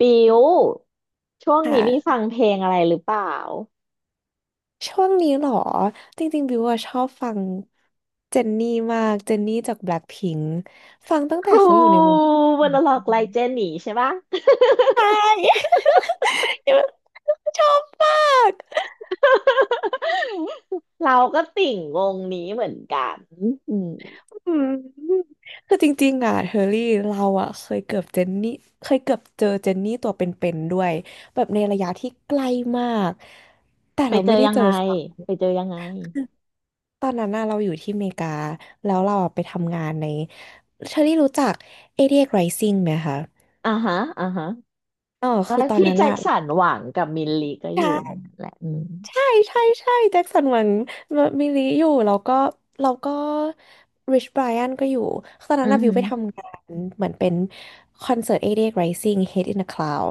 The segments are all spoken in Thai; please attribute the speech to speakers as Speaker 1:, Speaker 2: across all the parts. Speaker 1: ปิว ช่วงนี้มีฟั
Speaker 2: ค่ะ
Speaker 1: งเพลงอะไรหรือเปล่า
Speaker 2: ช่วงนี้เหรอจริงๆบิวอะชอบฟังเจนนี่มากเจนนี่จากแบล็คพิงค์ฟังตั้งแต่
Speaker 1: ฮู
Speaker 2: เขาอยู่ในวง
Speaker 1: วันละล็อกไลเจนนี่ใช่ปะ
Speaker 2: ใช่ ชอบมาก
Speaker 1: เราก็ติ่งวงนี้เหมือนกันอืม
Speaker 2: อืมคือจริงๆอ่ะเฮอรี่เราอ่ะเคยเกือบเจนนี่เคยเกือบเจอเจนนี่ตัวเป็นๆด้วยแบบในระยะที่ใกล้มากแต่
Speaker 1: ไป
Speaker 2: เรา
Speaker 1: เจ
Speaker 2: ไม่
Speaker 1: อ
Speaker 2: ได้
Speaker 1: ยัง
Speaker 2: เจอ
Speaker 1: ไง
Speaker 2: ค่ะ
Speaker 1: ไปเจอยังไง
Speaker 2: ตอนนั้นน่ะเราอยู่ที่อเมริกาแล้วเราอะไปทำงานในเชอรี่รู้จัก88 Rising ไหมคะ
Speaker 1: อ่าฮะอ่าฮะ
Speaker 2: อ๋อ
Speaker 1: เอ
Speaker 2: คือ
Speaker 1: อ
Speaker 2: ตอน
Speaker 1: พี่
Speaker 2: นั้น
Speaker 1: แจ็ค
Speaker 2: อะ
Speaker 1: สันหวังกับมิลลีก็อยู่
Speaker 2: ใช่
Speaker 1: นั่นแหละอืม
Speaker 2: ใช่ ใช่แจ็คสันหวังมิลิอยู่แล้วก็แล้วก็ริชไบรอันก็อยู่ตอน
Speaker 1: อื
Speaker 2: นั้น
Speaker 1: อ
Speaker 2: น่ะวิ
Speaker 1: หื
Speaker 2: ว
Speaker 1: อ
Speaker 2: ไปทำงานเหมือนเป็นคอนเสิร์ต88 Rising Head in the Cloud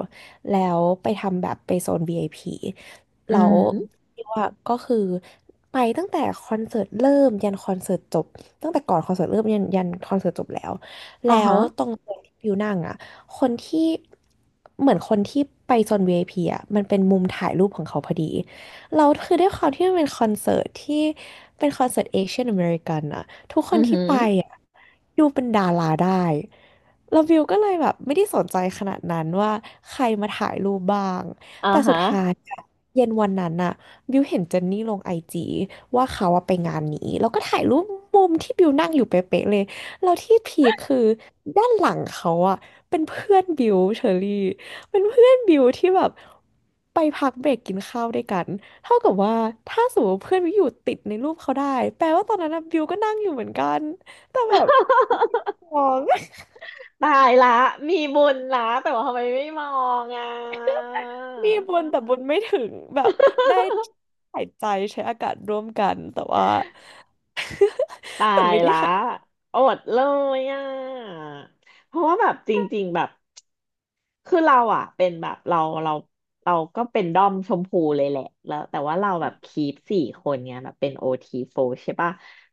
Speaker 2: แล้วไปทำแบบไปโซน VIP
Speaker 1: อื
Speaker 2: แล้
Speaker 1: อ
Speaker 2: ว
Speaker 1: หือ
Speaker 2: วิวอะก็คือไปตั้งแต่คอนเสิร์ตเริ่มยันคอนเสิร์ตจบ ตั้งแต่ก่อนคอนเสิร์ตเริ่มยันคอนเสิร์ตจบแล้ว แล้
Speaker 1: อ่าฮะ
Speaker 2: วตรงโซนที่วิวนั่งอะคนที่เหมือนคนที่ไปโซน VIP อพีอ่ะมันเป็นมุมถ่ายรูปของเขาพอดี เราคือด้วยความที่มันเป็นคอนเสิร์ตที่เป็นคอนเสิร์ตเอเชียนอเมริกันอะทุกค
Speaker 1: อื
Speaker 2: น
Speaker 1: อหื
Speaker 2: ที่
Speaker 1: อ
Speaker 2: ไปอะดูเป็นดาราได้แล้ววิวก็เลยแบบไม่ได้สนใจขนาดนั้นว่าใครมาถ่ายรูปบ้าง
Speaker 1: อ่า
Speaker 2: แต่สุ
Speaker 1: ฮะ
Speaker 2: ดท้ายอะเย็นวันนั้นอะบิวเห็นเจนนี่ลงไอจีว่าเขาอะไปงานนี้แล้วก็ถ่ายรูปมุมที่บิวนั่งอยู่เป๊ะๆเลยแล้วที่พีคคือด้านหลังเขาอะเป็นเพื่อนบิวเชอรี่เป็นเพื่อนบิวที่แบบไปพักเบรกกินข้าวด้วยกัน เท่ากับว่าถ้าสมมติเพื่อนวิวอยู่ติดในรูปเขาได้แปลว่าตอนนั้นนะวิวก็นั่งอยู่เหมือนกันแต่แบบมอง
Speaker 1: ตายละ มีบุญละแต่ว่าทำไมไม่มองอ่ะ
Speaker 2: มีบุญแต่บุญไม่ถึงแบบได้ หายใจใช้อากาศร่วมกันแต่ว่า
Speaker 1: ตา
Speaker 2: แต่
Speaker 1: ย
Speaker 2: ไม่ได้
Speaker 1: ละ
Speaker 2: หัน
Speaker 1: อดเลยอ่ะเพราะว่าแบบจริงๆแบบคือเราอ่ะเป็นแบบเราเราเราก็เป็นด้อมชมพูเลยแหละแล้วแต่ว่าเราแบบคีปสี่คนเนี้ยแบบเป็นโอทีโฟใช่ปะ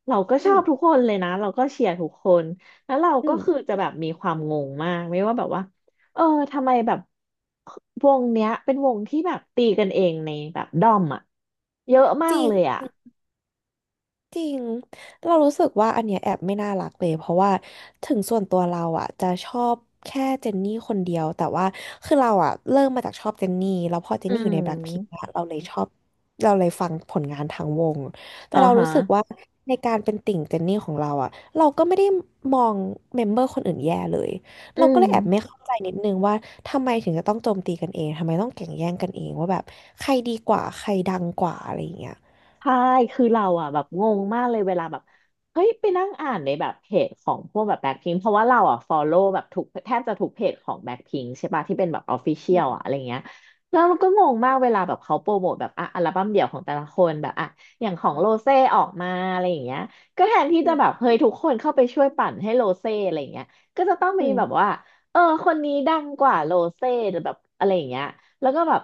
Speaker 1: เราก็ช
Speaker 2: อื
Speaker 1: อบ
Speaker 2: ม
Speaker 1: ทุกคนเลยนะเราก็เชียร์ทุกคนแล้วเรา
Speaker 2: อื
Speaker 1: ก็
Speaker 2: ม
Speaker 1: คือจะแบบมีความงงมากไม่ว่าแบบว่าเออทำไมแบบวงเนี้ยเป็นวงที่แบบตีกันเองในแบบด้อมอ่ะเยอะมา
Speaker 2: จ
Speaker 1: ก
Speaker 2: ริ
Speaker 1: เลยอ่ะ
Speaker 2: ง จริง เรารู้สึกว่าอันเนี้ยแอบไม่น่ารักเลยเพราะว่าถึงส่วนตัวเราอ่ะจะชอบแค่เจนนี่คนเดียวแต่ว่าคือเราอ่ะเริ่มมาจากชอบเจนนี่แล้วพอเจน
Speaker 1: อื
Speaker 2: นี่อยู่ในแบล็คพิงค์
Speaker 1: ม
Speaker 2: เราเลยชอบเราเลยฟังผลงานทางวงแต่
Speaker 1: อ่า
Speaker 2: เรา
Speaker 1: ฮะ
Speaker 2: รู้สึกว่าในการเป็นติ่งเจนนี่ของเราอ่ะเราก็ไม่ได้มองเมมเบอร์คนอื่นแย่เลย
Speaker 1: อื
Speaker 2: เราก็
Speaker 1: ม
Speaker 2: เลยแอบไม่เข้าใจนิดนึงว่าทำไมถึงจะต้องโจมตีกันเองทำไมต้องแข่งแย่งกันเองว่าแบบใครดีกว่าใครดังกว่าอะไรอย่างเงี้ย
Speaker 1: ใช่คือเราอ่ะแบบงงมากเลยเวลาแบบเฮ้ยไปนั่งอ่านในแบบเพจของพวกแบบแบ็คพิงเพราะว่าเราอ่ะฟอลโล่แบบทุกแทบจะทุกเพจของแบ็คพิงใช่ปะที่เป็นแบบออฟฟิเชี
Speaker 2: อื
Speaker 1: ยลอ่ะ
Speaker 2: ม
Speaker 1: อะไรเงี้ยแล้วมันก็งงมากเวลาแบบเขาโปรโมทแบบอ่ะอัลบั้มเดี่ยวของแต่ละคนแบบอ่ะอย่างของ
Speaker 2: อื
Speaker 1: โรเซ่ออกมาอะไรอย่างเงี้ยก็แทนที่จะแบบ
Speaker 2: ม
Speaker 1: เฮ้ยทุกคนเข้าไปช่วยปั่นให้โรเซ่อะไรเงี้ยก็จะต้อง
Speaker 2: อื
Speaker 1: มีแบบ
Speaker 2: ม
Speaker 1: ว่าเออคนนี้ดังกว่าโรเซ่แบบอะไรอย่างเงี้ยแล้วก็แบบ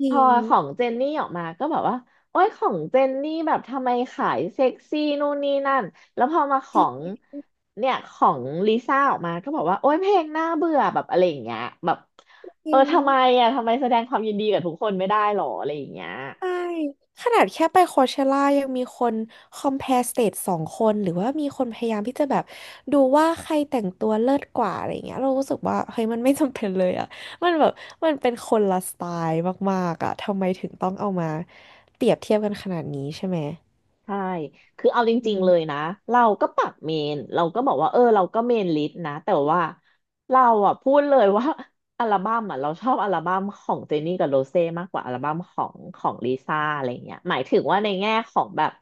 Speaker 2: จ
Speaker 1: พ
Speaker 2: ริ
Speaker 1: อ
Speaker 2: ง
Speaker 1: ของเจนนี่ออกมาก็แบบว่า โอ้ยของเจนนี่แบบทำไมขายเซ็กซี่นู่นนี่นั่นแล้วพอมาข
Speaker 2: จ
Speaker 1: อ
Speaker 2: ริ
Speaker 1: ง
Speaker 2: ง
Speaker 1: เนี่ยของลิซ่าออกมาก็บอกว่าโอ้ยเพลงน่าเบื่อแบบอะไรอย่างเงี้ยแบบ
Speaker 2: จ
Speaker 1: เออ
Speaker 2: ริง
Speaker 1: ทำไมอ่ะทำไมแสดงความยินดีกับทุกคนไม่ได้หรออะไรอย่างเงี้ย
Speaker 2: ใช่ขนาดแค่ไปโคเชล่ายังมีคนคอม p พ r e สเตทสองคนหรือว่ามีคนพยายามที่จะแบบดูว่าใครแต่งตัวเลิศกว่าอะไรเงี้ยเรารู้สึกว่าเฮ้ยมันไม่จำเป็นเลยอ่ะมันแบบมันเป็นคนละสไตล์มากๆอ่ะทำไมถึงต้องเอามาเปรียบเทียบกันขนาดนี้ใช่ไหม
Speaker 1: ใช่คือเอาจ
Speaker 2: อื
Speaker 1: ริง
Speaker 2: ม
Speaker 1: ๆเลยนะเราก็ปรับเมน เราก็บอกว่าเออเราก็เมนลิสต์นะ แต่ว่าเราอ่ะพูดเลยว่า อัลบั้มอ่ะเราชอบอัลบั้มของเจนนี่กับโรเซ่มากกว่าอัลบั้มของลิซ่าอะไรเงี้ยหมายถึงว่าในแง่ของแบบ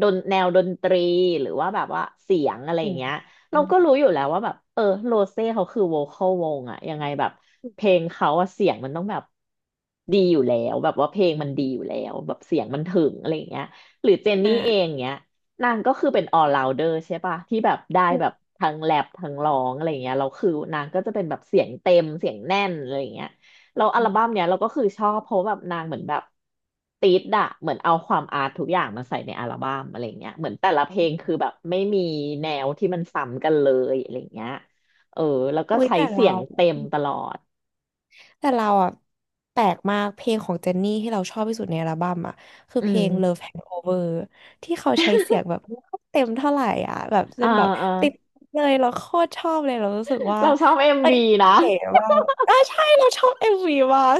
Speaker 1: ดนแนวดนตรีหรือว่าแบบว่าเสียงอะไร
Speaker 2: อืม
Speaker 1: เงี้ย
Speaker 2: อ
Speaker 1: เราก็รู้
Speaker 2: ม
Speaker 1: อยู่แล้วว่าแบบเออโรเซ่เขาคือโวคอลวงอะยังไงแบบเพลงเขาอะเสียงมันต้องแบบดีอยู่แล้วแบบว่าเพลงมันดีอยู่แล้วแบบเสียงมันถึงอะไรอย่างเงี้ย หรือเจนนี่เอ
Speaker 2: อ่ะ
Speaker 1: งเนี้ยนางก็คือเป็น all rounder ใช่ปะที่แบบได้
Speaker 2: อื
Speaker 1: แบบ
Speaker 2: ม
Speaker 1: ทั้งแรปทั้งร้องอะไรเงี้ยเราคือนางก็จะเป็นแบบเสียงเต็มเสียงแน่นอะไรเงี้ยเราอัลบั้มเนี้ยเราก็คือชอบเพราะแบบนางเหมือนแบบติดอะเหมือนเอาความอาร์ตทุกอย่างมาใส่ในอัลบั้มอะไรเงี้ยเหมือนแต่ละเพลงคือแบบไม่มีแนวที่มันซ้ำกันเลยอะไรเงี้ยเออแล้วก็
Speaker 2: อุ้ย
Speaker 1: ใช้
Speaker 2: แต่
Speaker 1: เสีย
Speaker 2: เรา
Speaker 1: งเต็มตลอด
Speaker 2: แต่เราอ่ะแปลกมากเพลงของเจนนี่ที่เราชอบที่สุดในอัลบั้มอ่ะคือ
Speaker 1: อื
Speaker 2: เพลง
Speaker 1: ม
Speaker 2: Love Hangover ที่เขาใช้เสียงแบบไม่ค่อยเต็มเท่าไหร่อ่ะแบบเล่
Speaker 1: อ่า
Speaker 2: นแบบ
Speaker 1: อ่า
Speaker 2: ติดเลยเราโคตรชอบเลยเรารู้สึกว่า
Speaker 1: เราชอบเอ็มวีนะ
Speaker 2: เก๋มากอ่ะใช่เราชอบเอ็มวีมาก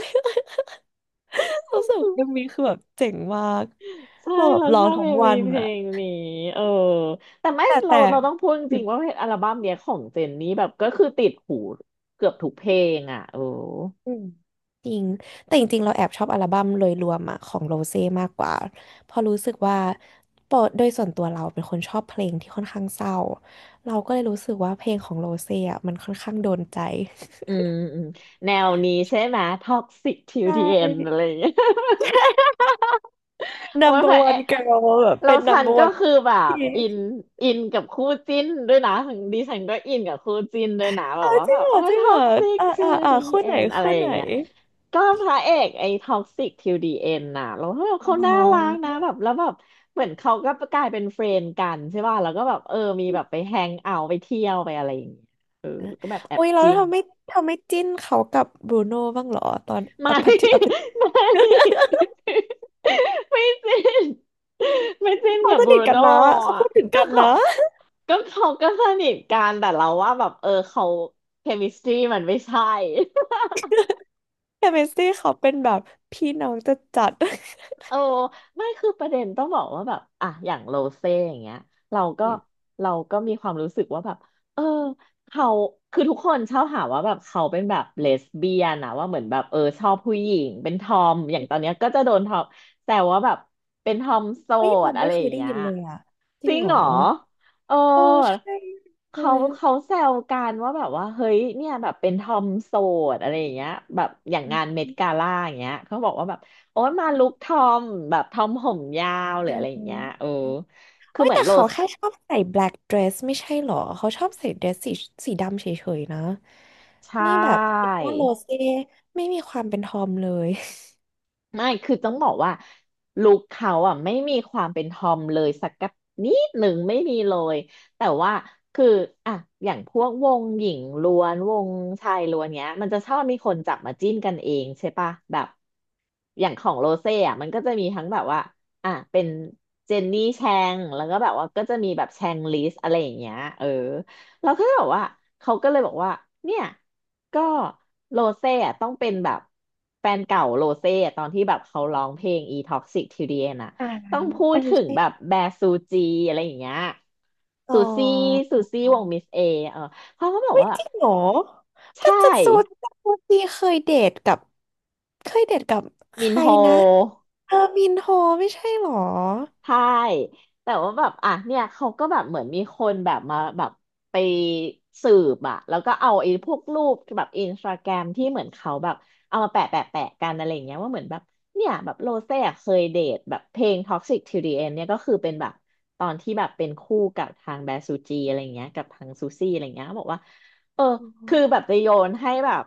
Speaker 2: รู้สึกว่าเอ็มวีคือแบบเจ๋งมาก
Speaker 1: ใช่
Speaker 2: เราแบบ
Speaker 1: เรา
Speaker 2: ร้
Speaker 1: ช
Speaker 2: อง
Speaker 1: อบ
Speaker 2: ทั้
Speaker 1: เม
Speaker 2: งวั
Speaker 1: มี
Speaker 2: น
Speaker 1: เพล
Speaker 2: อ่ะ
Speaker 1: งนี้เออแต่ไม่
Speaker 2: แต่
Speaker 1: เรา
Speaker 2: แต่
Speaker 1: เราต้องพูดจริงๆว่าเพลงอัลบั้มเนี้ยของเจนนี่แบบก็คือติดหูเกือบทุกเพลงอ่ะเออ
Speaker 2: อืมจริงแต่จริงๆเราแอบชอบอัลบั้มโดยรวมอะของโรเซ่มากกว่าเพราะรู้สึกว่าปอโดยส่วนตัวเราเป็นคนชอบเพลงที่ค่อนข้างเศร้าเราก็เลยรู้สึกว่าเพลงของโรเซ่อะมันค่อนข้างโดนใจ
Speaker 1: อืมอืมแนวนี้ใช่ไหมท็อกซิกทิ ว
Speaker 2: ใช่
Speaker 1: ดีเอ็นอะไรอย่างเงี้ย โอ้ย
Speaker 2: number
Speaker 1: ค่ะเอ๊ะ
Speaker 2: one girl แบบ
Speaker 1: เรา
Speaker 2: เป็น
Speaker 1: ฉัน
Speaker 2: number
Speaker 1: ก็
Speaker 2: one
Speaker 1: คือแบบ
Speaker 2: ที่
Speaker 1: อินอินกับคู่จิ้นด้วยนะดิฉันก็อินกับคู่จิ้นด้วยนะแบ
Speaker 2: อ้า
Speaker 1: บ
Speaker 2: ว
Speaker 1: ว่า
Speaker 2: จริ
Speaker 1: แบ
Speaker 2: ง
Speaker 1: บ
Speaker 2: เหร
Speaker 1: โอ้
Speaker 2: อ
Speaker 1: ย
Speaker 2: จริง
Speaker 1: ท็
Speaker 2: เห
Speaker 1: อ
Speaker 2: รอ
Speaker 1: กซิก
Speaker 2: อ่า
Speaker 1: ทู
Speaker 2: อ่าอ่า
Speaker 1: ดี
Speaker 2: คู่
Speaker 1: เอ็
Speaker 2: ไหน
Speaker 1: นอะไร
Speaker 2: คู่
Speaker 1: อ
Speaker 2: ไห
Speaker 1: ย่า
Speaker 2: น
Speaker 1: งเงี้ยก็พระเอกไอ้ท็อกซิกทูดีเอ็นน่ะเราแบบ
Speaker 2: อ๋
Speaker 1: เขาน่ารัก
Speaker 2: อ
Speaker 1: นะแบบแล้วแบบเหมือนเขาก็กลายเป็นเฟรนด์กันใช่ป่ะแล้วก็แบบเออมีแบบไปแฮงเอาท์ไปเที่ยวไปอะไรอย่างเงี้ยเออแล้วก็แบบแอบ
Speaker 2: อุ้ยเรา
Speaker 1: จิ้น
Speaker 2: ทำไม่ทำไม่จิ้นเขากับบรูโน่บ้างเหรอตอนอ
Speaker 1: ไม่
Speaker 2: พพทิอพพ ทิ
Speaker 1: ไม่ ไม่จริ้น ไม่จิ้น
Speaker 2: เขา
Speaker 1: กับ
Speaker 2: ส
Speaker 1: บรู
Speaker 2: นิทกัน
Speaker 1: โน่
Speaker 2: นะเขา
Speaker 1: อะ
Speaker 2: พูดถึง
Speaker 1: ก็
Speaker 2: กัน
Speaker 1: เขา
Speaker 2: นะ
Speaker 1: ก็เขาก็สนิทกันแต่เราว่าแบบเออเขาเคมิสตรีมันไม่ใช่
Speaker 2: แต่เมสซี่เขาเป็นแบบพี่น้องจะจัด
Speaker 1: โอ้ไม่คือประเด็นต้องบอกว่าแบบอ่ะอย่างโรเซ่อย่างเงี้ยเรา
Speaker 2: ๆ
Speaker 1: ก็
Speaker 2: อืม
Speaker 1: เราก็มีความรู้สึกว่าแบบเออเขาคือทุกคนชอบหาว่าแบบเขาเป็นแบบเลสเบี้ยนนะว่าเหมือนแบบเออชอบผู้หญิงเป็นทอมอย่างตอนเนี้ยก็จะโดนทอมแต่ว่าแบบเป็นทอมโส
Speaker 2: เฮ้ยเรา
Speaker 1: ดอะ
Speaker 2: ไม่
Speaker 1: ไร
Speaker 2: เค
Speaker 1: อ
Speaker 2: ย
Speaker 1: ย่าง
Speaker 2: ได้
Speaker 1: เงี้ย
Speaker 2: ยินเลยอ่ะจ
Speaker 1: จ
Speaker 2: ริง
Speaker 1: ริง
Speaker 2: เหร
Speaker 1: เห
Speaker 2: อ
Speaker 1: รอเออ
Speaker 2: เออใช่เลยอ้
Speaker 1: เขา
Speaker 2: ย
Speaker 1: แซวกันว่าแบบว่าเฮ้ยเนี่ยแบบเป็นทอมโสดอะไรอย่างเงี้ยแบบอย่างงานเมดกาล่าอย่างเงี้ยเขาบอกว่าแบบโอ้ยมาลุคทอมแบบทอมผมยาวหรื
Speaker 2: เอ
Speaker 1: อ
Speaker 2: อ
Speaker 1: อะไรอย่างเงี้ยเออคือ
Speaker 2: เอ้ย
Speaker 1: เหมือ
Speaker 2: แต่
Speaker 1: นโร
Speaker 2: เขา
Speaker 1: ส
Speaker 2: แค่ชอบใส่ black dress ไม่ใช่เหรอเขาชอบใส่เดรสสีสีดำเฉยๆนะ
Speaker 1: ใช่
Speaker 2: นี่แบบคิดว่าโรเซ่ไม่มีความเป็นทอมเลย
Speaker 1: ไม่คือต้องบอกว่าลุคเขาอ่ะไม่มีความเป็นทอมเลยสักกับนิดหนึ่งไม่มีเลย แต่ว่าคืออ่ะอย่างพวกวงหญิงล้วนวงชายล้วนเนี้ยมันจะชอบมีคนจับมาจิ้นกันเองใช่ปะแบบอย่างของโรเซ่อ่ะมันก็จะมีทั้งแบบว่าเป็นเจนนี่แชงแล้วก็แบบว่าก็จะมีแบบแชงลิสอะไรอย่างเงี้ยเออ เราก็เลยบอกว่าเขาก็เลยบอกว่าเนี่ยก็โรเซ่อะต้องเป็นแบบแฟนเก่าโรเซ่อะตอนที่แบบเขาร้องเพลง E Toxic Till the End อะ
Speaker 2: อ่า
Speaker 1: ต้องพู
Speaker 2: เอ
Speaker 1: ด
Speaker 2: อ
Speaker 1: ถึง
Speaker 2: ใช่
Speaker 1: แบบแบร์ซูจีอะไรอย่างเงี้ย
Speaker 2: อ๋
Speaker 1: ซูซี่
Speaker 2: อ
Speaker 1: วงมิสเอเออเขาก็บอกว่า
Speaker 2: จริงเหรอแต่จั
Speaker 1: ใช่
Speaker 2: ดซูจัดซูจีเคยเดทกับเคยเดทกับใค
Speaker 1: มิน
Speaker 2: ร
Speaker 1: โฮ
Speaker 2: นะ เออมินโฮไม่ใช่เหรอ
Speaker 1: ใช่แต่ว่าแบบอ่ะเนี่ยเขาก็แบบเหมือนมีคนแบบมาแบบไปสืบอ่ะแล้วก็เอาไอ้พวกรูปแบบอินสตาแกรมที่เหมือนเขาแบบเอามาแปะกันอะไรอย่างเงี้ยว่าเหมือนแบบเนี่ยแบบโรเซ่อะเคยเดทแบบเพลง Toxic Till the End เนี่ยก็คือเป็นแบบตอนที่แบบเป็นคู่กับทางแบซูจีอะไรอย่างเงี้ยกับทางซูซี่อะไรอย่างเงี้ยเขาบอกว่าเออ
Speaker 2: อ๋อ
Speaker 1: คือแบบจะโยนให้แบบ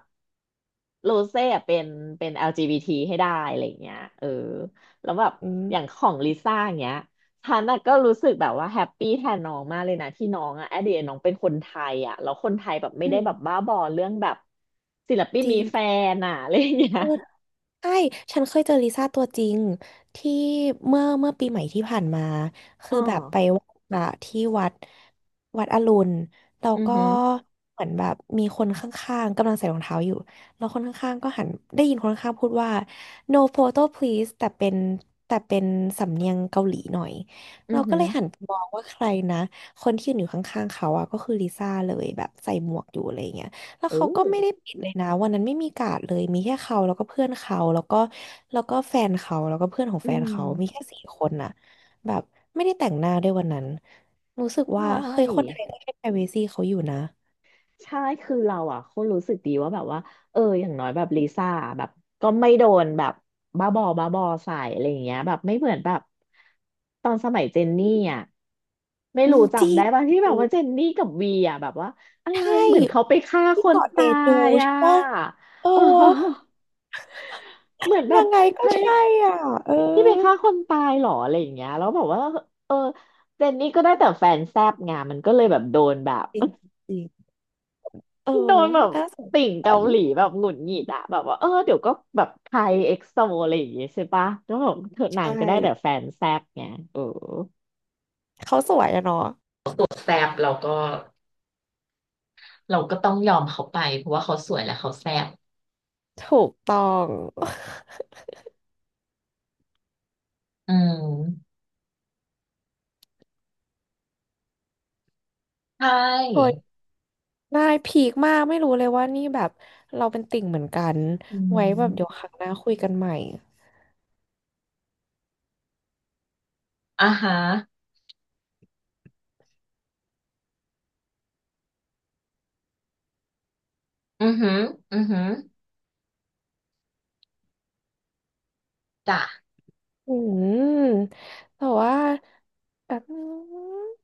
Speaker 1: โรเซ่อะเป็นLGBT ให้ได้อะไรอย่างเงี้ยเออ แล้วแบบ
Speaker 2: อื
Speaker 1: อย่างข
Speaker 2: ม
Speaker 1: องลิซ่าอย่างเงี้ยฉันน่ะก็รู้สึกแบบว่าแฮปปี้แทนน้องมากเลยนะที่น้องอะแอดเดยน้องเป็นคนไทยอะแล้วคนไทยแบบไม่
Speaker 2: อื
Speaker 1: ได้
Speaker 2: ม
Speaker 1: แบบบ้าบอเรื่องแบบศิลปิน
Speaker 2: จริ
Speaker 1: มี
Speaker 2: ง
Speaker 1: แฟนอะอะไรอย่างเงี้ย
Speaker 2: ใช่ ฉันเคยเจอลิซ่าตัวจริงที่เมื่อปีใหม่ที่ผ่านมา
Speaker 1: อ๋
Speaker 2: คื
Speaker 1: อ
Speaker 2: อแบบไปไหว้พระที่วัดวัดอรุณแล้ว
Speaker 1: อือ
Speaker 2: ก็
Speaker 1: หือ
Speaker 2: เหมือนแบบมีคนข้างๆกำลังใส่รองเท้าอยู่แล้วคนข้างๆก็หันได้ยินคนข้างๆพูดว่า no photo please แต่เป็นสำเนียงเกาหลีหน่อย
Speaker 1: อื
Speaker 2: เรา
Speaker 1: อ
Speaker 2: ก็
Speaker 1: หื
Speaker 2: เล
Speaker 1: อ
Speaker 2: ยหันไปมองว่าใครนะคนที่ยืนอยู่ข้างๆเขาอะก็คือลิซ่าเลยแบบใส่หมวกอยู่อะไรอย่างเงี้ย แล้ว
Speaker 1: เอ
Speaker 2: เขาก็
Speaker 1: อ
Speaker 2: ไม่ได้ปิดเลยนะวันนั้นไม่มีการ์ดเลยมีแค่เขาแล้วก็เพื่อนเขาแล้วก็แฟนเขาแล้วก็เพื่อนของ
Speaker 1: อื
Speaker 2: แฟน
Speaker 1: ม
Speaker 2: เขามีแค่สี่คนน่ะแบบไม่ได้แต่งหน้าด้วยวันนั้นรู้สึก
Speaker 1: ใช
Speaker 2: ว่าเฮ้ยคนไท
Speaker 1: ่
Speaker 2: ยก็ให้ privacy เขาอยู่นะ
Speaker 1: ใช่คือเราอ่ะโคตรรู้สึกดีว่าแบบว่าเอออย่างน้อยแบบลิซ่าแบบก็ไม่โดนแบบบ้าบอใส่อะไรอย่างเงี้ยแบบไม่เหมือนแบบตอนสมัยเจนนี่อ่ะไม่
Speaker 2: อื
Speaker 1: รู้
Speaker 2: มจริ
Speaker 1: จำได้
Speaker 2: ง
Speaker 1: ป่ะที่แบบว่าเจนนี่กับวีอ่ะแบบว่าอะไร
Speaker 2: ใช
Speaker 1: เหมือน
Speaker 2: ่
Speaker 1: เขาไปฆ่าค
Speaker 2: ที่
Speaker 1: น
Speaker 2: เกาะเจ
Speaker 1: ตา
Speaker 2: จู
Speaker 1: ยอ่ะ
Speaker 2: ใช่ปะเออ
Speaker 1: เออเหมือนแบ
Speaker 2: ยั
Speaker 1: บ
Speaker 2: งไงก็
Speaker 1: เฮ้ย
Speaker 2: ใช่อ่ะเออ
Speaker 1: ที่ไปฆ่าคนตายเหรออะไรอย่างเงี้ยแล้วบอกว่าเออเจนนี่ก็ได้แต่แฟนแซบไงมันก็เลยแบบโดนแบบ
Speaker 2: จริงจริงเออ
Speaker 1: โดนแบบ
Speaker 2: น่าสง
Speaker 1: ติ่ง
Speaker 2: สา
Speaker 1: เกา
Speaker 2: ร
Speaker 1: หลีแบบหงุดหงิดอะแบบว่าเออเดี๋ยวก็แบบไทยเอ็กโซอะไรอย่างเงี้ยใช่ปะแล้วแบบเธอนา
Speaker 2: ใช่
Speaker 1: งก็ได้แต่แฟนแซบไงเออ
Speaker 2: เขาสวยอะเนาะ
Speaker 1: แซบเราก็ต้องยอมเขาไปเพราะว่าเขาสวยและเขาแซบ
Speaker 2: ถูกต้อง
Speaker 1: อืมใช
Speaker 2: โอ้ย
Speaker 1: ่
Speaker 2: ได้พีคมากไม่รู้เลยว่านี่แบบเราเป็นติ่งเหมือนกัน
Speaker 1: อื
Speaker 2: ไว้แบบเดี๋ยว
Speaker 1: ม
Speaker 2: ครั้งหน้าคุยกันใหม่
Speaker 1: อ่าฮะอือหืออือหือจ้ะ
Speaker 2: อืมแต่ว่าแบบนึง